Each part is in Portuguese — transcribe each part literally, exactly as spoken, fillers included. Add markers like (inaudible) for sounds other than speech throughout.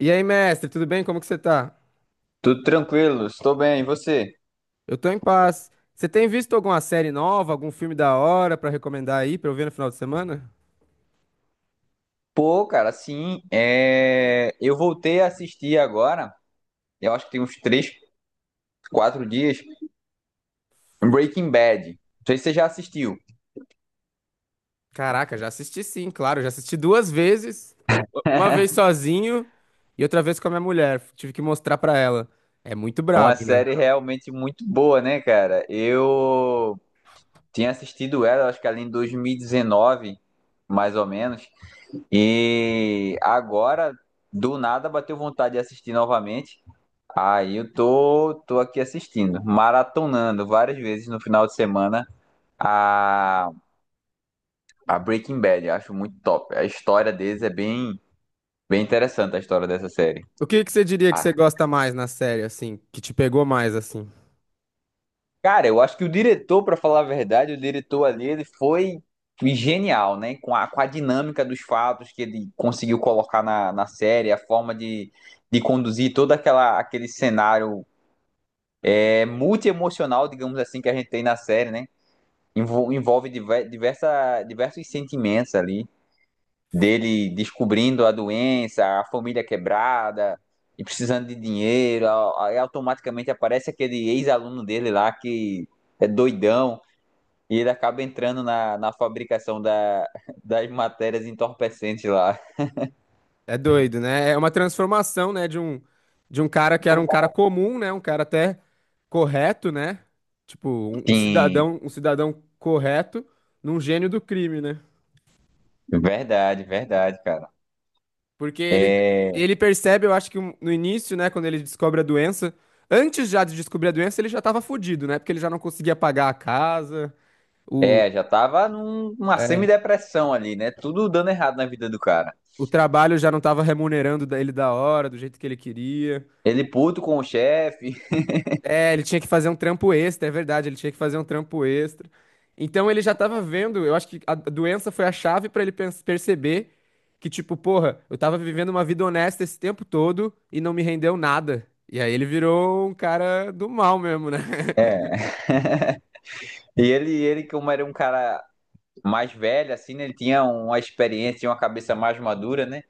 E aí, mestre, tudo bem? Como que você tá? Tudo tranquilo, estou bem. E você? Eu tô em paz. Você tem visto alguma série nova, algum filme da hora pra recomendar aí pra eu ver no final de semana? Pô, cara, sim, é... eu voltei a assistir agora, eu acho que tem uns três, quatro dias, Breaking Bad. Não sei se você já assistiu. Caraca, já assisti sim, claro, já assisti duas vezes, u- uma vez (laughs) sozinho e outra vez com a minha mulher. Tive que mostrar pra ela. É muito Uma brabo, né? série realmente muito boa, né, cara? Eu tinha assistido ela, acho que ali em dois mil e dezenove, mais ou menos, e agora, do nada, bateu vontade de assistir novamente. Aí eu tô, tô aqui assistindo, maratonando várias vezes no final de semana. a, a Breaking Bad. Eu acho muito top. A história deles é bem, bem interessante, a história dessa série. O que que você diria que Ah, você gosta mais na série, assim, que te pegou mais, assim? cara, eu acho que o diretor, pra falar a verdade, o diretor ali, ele foi genial, né? Com a, com a dinâmica dos fatos que ele conseguiu colocar na, na série, a forma de, de conduzir todo aquela, aquele cenário é, multi-emocional, digamos assim, que a gente tem na série, né? Envol- Envolve diver- diversa, diversos sentimentos ali. Dele descobrindo a doença, a família quebrada e precisando de dinheiro, a- aí automaticamente aparece aquele ex-aluno dele lá que é doidão e ele acaba entrando na, na fabricação da, (laughs) das matérias entorpecentes lá. É doido, né? É uma transformação, né, de um de um cara que era um cara comum, né, um cara até correto, né? Tipo, um, um Sim, cidadão, um cidadão correto num gênio do crime, né? verdade, verdade, cara. Porque ele É, ele percebe, eu acho que um- no início, né, quando ele descobre a doença, antes já de descobrir a doença, ele já tava fudido, né? Porque ele já não conseguia pagar a casa, o é, já tava num- numa é, semidepressão ali, né? Tudo dando errado na vida do cara. o trabalho já não tava remunerando da- ele da hora, do jeito que ele queria. Ele puto com o chefe. (laughs) É, ele tinha que fazer um trampo extra, é verdade, ele tinha que fazer um trampo extra. Então ele já tava vendo, eu acho que a doença foi a chave pra ele pens- perceber que, tipo, porra, eu tava vivendo uma vida honesta esse tempo todo e não me rendeu nada. E aí ele virou um cara do mal mesmo, né? (laughs) É. E ele, ele, como era um cara mais velho, assim, né? Ele tinha uma experiência, tinha uma cabeça mais madura, né?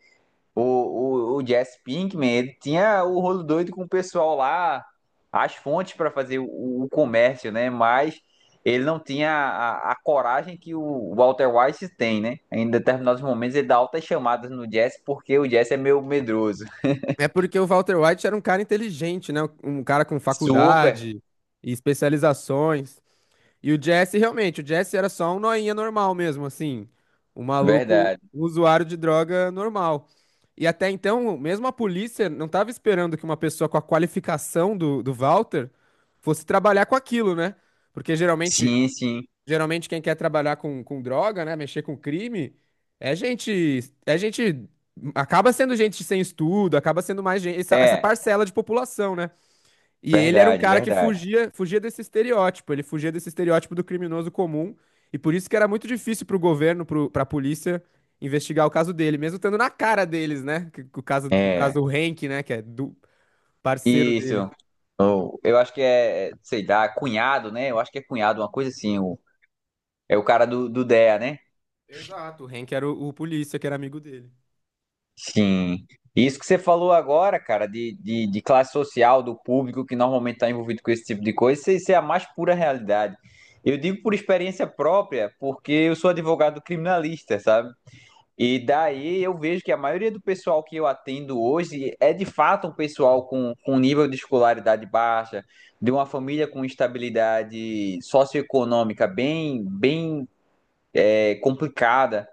O, o, o Jesse Pinkman, ele tinha o rolo doido com o pessoal lá, as fontes para fazer o, o comércio, né? Mas ele não tinha a, a, coragem que o Walter White tem, né? Em determinados momentos ele dá altas chamadas no Jesse porque o Jesse é meio medroso. É porque o Walter White era um cara inteligente, né? Um cara com Super, faculdade e especializações. E o Jesse, realmente, o Jesse era só um noinha normal mesmo, assim. Um maluco, verdade. um usuário de droga normal. E até então, mesmo a polícia não estava esperando que uma pessoa com a qualificação do, do Walter fosse trabalhar com aquilo, né? Porque geralmente, Sim, sim. geralmente quem quer trabalhar com, com droga, né? Mexer com crime, é gente, é gente, acaba sendo gente sem estudo, acaba sendo mais gente, essa, essa É, parcela de população, né? E ele era um verdade, cara que verdade. fugia, fugia desse estereótipo, ele fugia desse estereótipo do criminoso comum, e por isso que era muito difícil pro governo, pro, pra polícia, investigar o caso dele, mesmo estando na cara deles, né? Que- que o caso, o caso É. do Hank, né? Que é do parceiro dele. Isso. Ou eu acho que é, é, sei lá, cunhado, né? Eu acho que é cunhado, uma coisa assim. O, é o cara do, do D E A, né? Exato, o Hank era o, o polícia, que era amigo dele. Sim. Isso que você falou agora, cara, de, de, de classe social, do público que normalmente está envolvido com esse tipo de coisa, isso, isso é a mais pura realidade. Eu digo por experiência própria, porque eu sou advogado criminalista, sabe? E daí eu vejo que a maioria do pessoal que eu atendo hoje é de fato um pessoal com, com nível de escolaridade baixa, de uma família com estabilidade socioeconômica bem, bem é, complicada.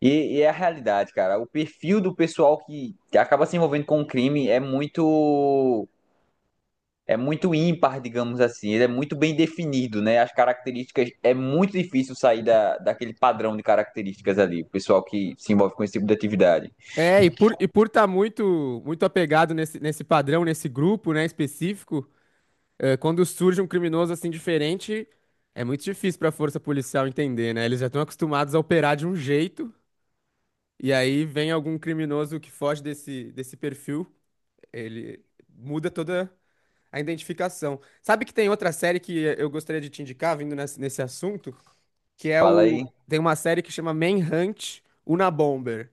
E, e é a realidade, cara. O perfil do pessoal que acaba se envolvendo com o crime é muito é muito ímpar, digamos assim. Ele é muito bem definido, né? As características é muito difícil sair da, daquele padrão de características ali. O pessoal que se envolve com esse tipo de atividade. É, e por, e por tá muito, muito apegado nesse, nesse padrão, nesse grupo, né, específico, é, quando surge um criminoso assim diferente, é muito difícil para a força policial entender, né? Eles já estão acostumados a operar de um jeito, e aí vem algum criminoso que foge desse, desse perfil, ele muda toda a identificação. Sabe que tem outra série que eu gostaria de te indicar, vindo nesse, nesse assunto, que é Fala o. aí. Tem uma série que chama Manhunt Unabomber,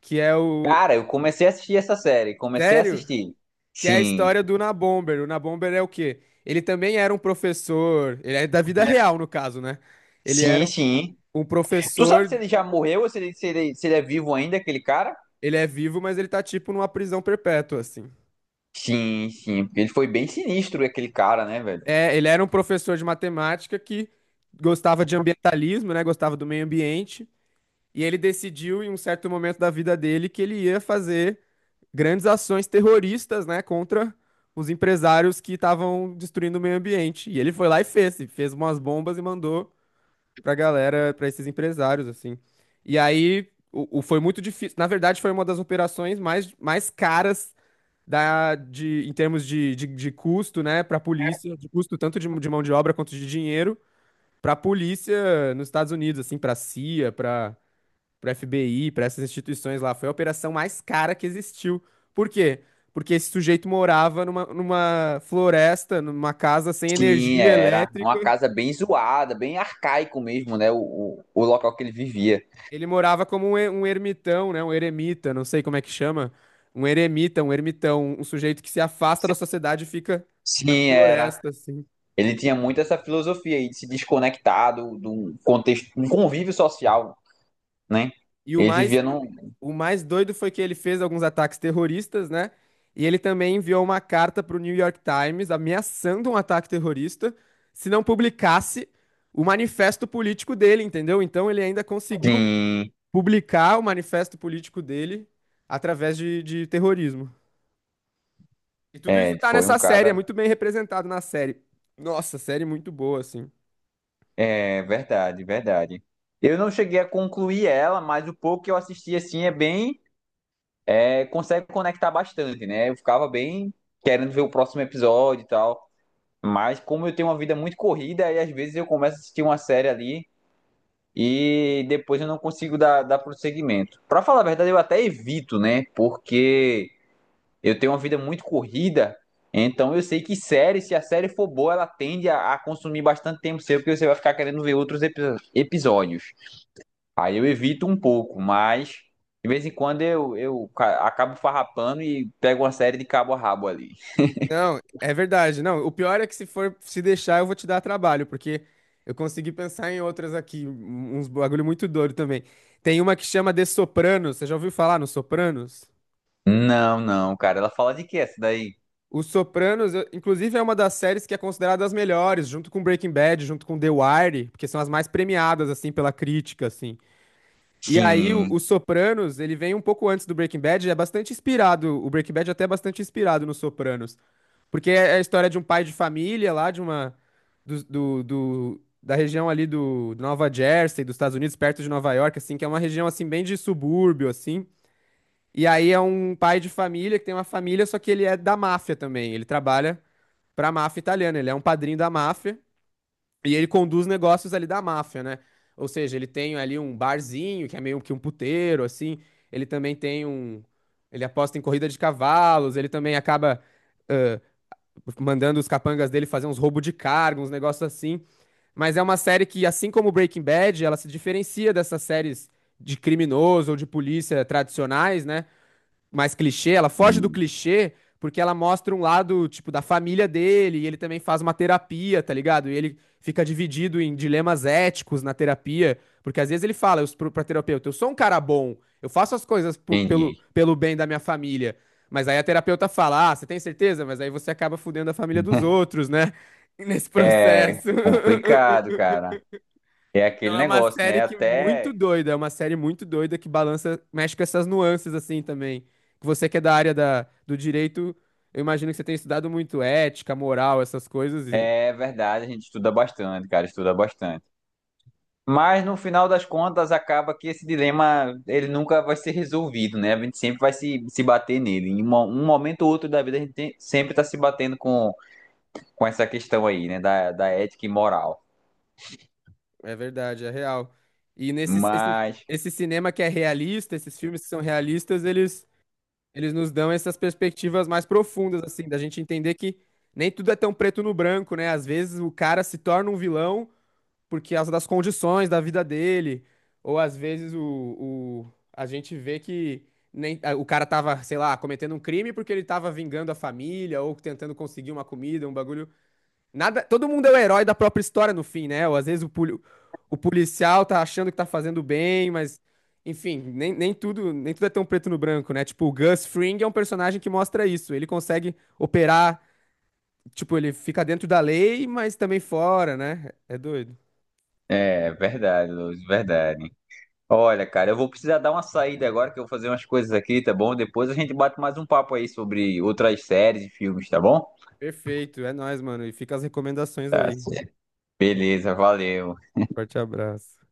que é o. Cara, eu comecei a assistir essa série. Comecei a Sério? assistir. Que é a Sim. história do Unabomber. O Unabomber é o quê? Ele também era um professor, ele é da vida real, no caso, né? Ele Sim, era sim. um Tu sabe se professor, ele já morreu ou se ele, se ele, se ele é vivo ainda, aquele cara? ele é vivo, mas ele tá tipo numa prisão perpétua, assim. Sim, sim. Porque ele foi bem sinistro, aquele cara, né, velho? É, ele era um professor de matemática que gostava de ambientalismo, né? Gostava do meio ambiente. E ele decidiu, em um certo momento da vida dele, que ele ia fazer grandes ações terroristas, né? Contra os empresários que estavam destruindo o meio ambiente. E ele foi lá e fez. e Fez umas bombas e mandou pra galera, pra esses empresários, assim. E aí o, o- foi muito difícil. Na verdade, foi uma das operações mais, mais caras da, de, em termos de, de, de custo, né, para a polícia, de custo tanto de, de mão de obra quanto de dinheiro, para a polícia nos Estados Unidos, assim, para a C I A, para para F B I, para essas instituições lá. Foi a operação mais cara que existiu. Por quê? Porque esse sujeito morava numa, numa floresta, numa casa sem Sim, energia era. Uma elétrica. casa bem zoada, bem arcaico mesmo, né? O, o, o local que ele vivia. Ele morava como um, e- um ermitão, né? Um eremita, não sei como é que chama. Um eremita, um ermitão, um sujeito que se afasta da sociedade e fica na Sim, era. floresta, assim. Ele tinha muito essa filosofia aí de se desconectar do, do contexto, um convívio social, né? E o Ele mais vivia num. O mais doido foi que ele fez alguns ataques terroristas, né? E ele também enviou uma carta para o New York Times ameaçando um ataque terrorista se não publicasse o manifesto político dele, entendeu? Então ele ainda conseguiu Sim, publicar o manifesto político dele através de, de terrorismo. E tudo isso é, tá foi nessa um série, é cara. muito bem representado na série. Nossa, série muito boa, assim. É verdade, verdade. Eu não cheguei a concluir ela, mas o pouco que eu assisti assim é bem, é, consegue conectar bastante, né? Eu ficava bem querendo ver o próximo episódio e tal, mas como eu tenho uma vida muito corrida, aí às vezes eu começo a assistir uma série ali e depois eu não consigo dar, dar prosseguimento. Pra falar a verdade, eu até evito, né? Porque eu tenho uma vida muito corrida, então eu sei que série, se a série for boa, ela tende a, a consumir bastante tempo seu, porque você vai ficar querendo ver outros epi- episódios. Aí eu evito um pouco, mas de vez em quando eu, eu ca- acabo farrapando e pego uma série de cabo a rabo ali. Não, é verdade. Não, o pior é que se for se deixar, eu vou te dar trabalho, porque eu consegui pensar em outras aqui, um- uns bagulho muito doido também. Tem uma que chama The Sopranos. Você já ouviu falar no Sopranos? Não, não, cara. Ela fala de que essa daí? O Sopranos, eu- inclusive, é uma das séries que é considerada as melhores, junto com Breaking Bad, junto com The Wire, porque são as mais premiadas, assim, pela crítica, assim. E aí, o, o Sim, Sopranos, ele vem um pouco antes do Breaking Bad, é bastante inspirado, o Breaking Bad até é bastante inspirado no Sopranos. Porque é é a história de um pai de família lá, de uma. Do, do, do- da região ali do, do Nova Jersey, dos Estados Unidos, perto de Nova York, assim, que é uma região assim bem de subúrbio, assim. E aí é um pai de família que tem uma família, só que ele é da máfia também. Ele trabalha pra máfia italiana, ele é um padrinho da máfia e ele conduz negócios ali da máfia, né? Ou seja, ele tem ali um barzinho, que é meio que um puteiro, assim. Ele também tem um. Ele aposta em corrida de cavalos, ele também acaba mandando os capangas dele fazer uns roubos de cargo, uns negócios assim. Mas é uma série que, assim como Breaking Bad, ela se diferencia dessas séries de criminoso ou de polícia tradicionais, né? Mais clichê, ela foge do Hum, clichê porque ela mostra um lado, tipo, da família dele, e ele também faz uma terapia, tá ligado? E ele fica dividido em dilemas éticos na terapia, porque às vezes ele fala eu, pro, pra terapeuta, eu sou um cara bom, eu faço as coisas por- pelo, entendi. pelo bem da minha família. Mas aí a terapeuta fala, ah, você tem certeza? Mas aí você acaba fudendo a família dos (laughs) outros, né? (laughs) Nesse É processo. complicado, cara. É Então aquele é uma negócio, série né? que muito Até doida, é uma série muito doida que balança, mexe com essas nuances assim também. Que você que é da área da, do direito, eu imagino que você tem estudado muito ética, moral, essas coisas e é verdade, a gente estuda bastante, cara, estuda bastante. Mas no final das contas, acaba que esse dilema ele nunca vai ser resolvido, né? A gente sempre vai se, se bater nele. Em uma- um momento ou outro da vida, a gente tem- sempre está se batendo com com essa questão aí, né, da, da ética e moral. é verdade, é real. E nesse esse, Mas esse cinema que é realista, esses filmes que são realistas, eles eles nos dão essas perspectivas mais profundas assim, da gente entender que nem tudo é tão preto no branco, né? Às vezes o cara se torna um vilão por causa das condições da vida dele, ou às vezes o, o- a gente vê que nem, a- o cara tava, sei lá, cometendo um crime porque ele tava vingando a família ou tentando conseguir uma comida, um bagulho. Nada, todo mundo é o herói da própria história no fim, né? Ou às vezes o, poli- o policial tá achando que tá fazendo bem, mas enfim, nem, nem tudo, nem tudo é tão preto no branco, né? Tipo, o Gus Fring é um personagem que mostra isso. Ele consegue operar, tipo, ele fica dentro da lei, mas também fora, né? É doido. é, verdade, Luz, verdade. Olha, cara, eu vou precisar dar uma saída agora, que eu vou fazer umas coisas aqui, tá bom? Depois a gente bate mais um papo aí sobre outras séries e filmes, tá bom? Perfeito, é nóis, mano. E fica as recomendações Tá aí. certo. Beleza, valeu. Forte abraço.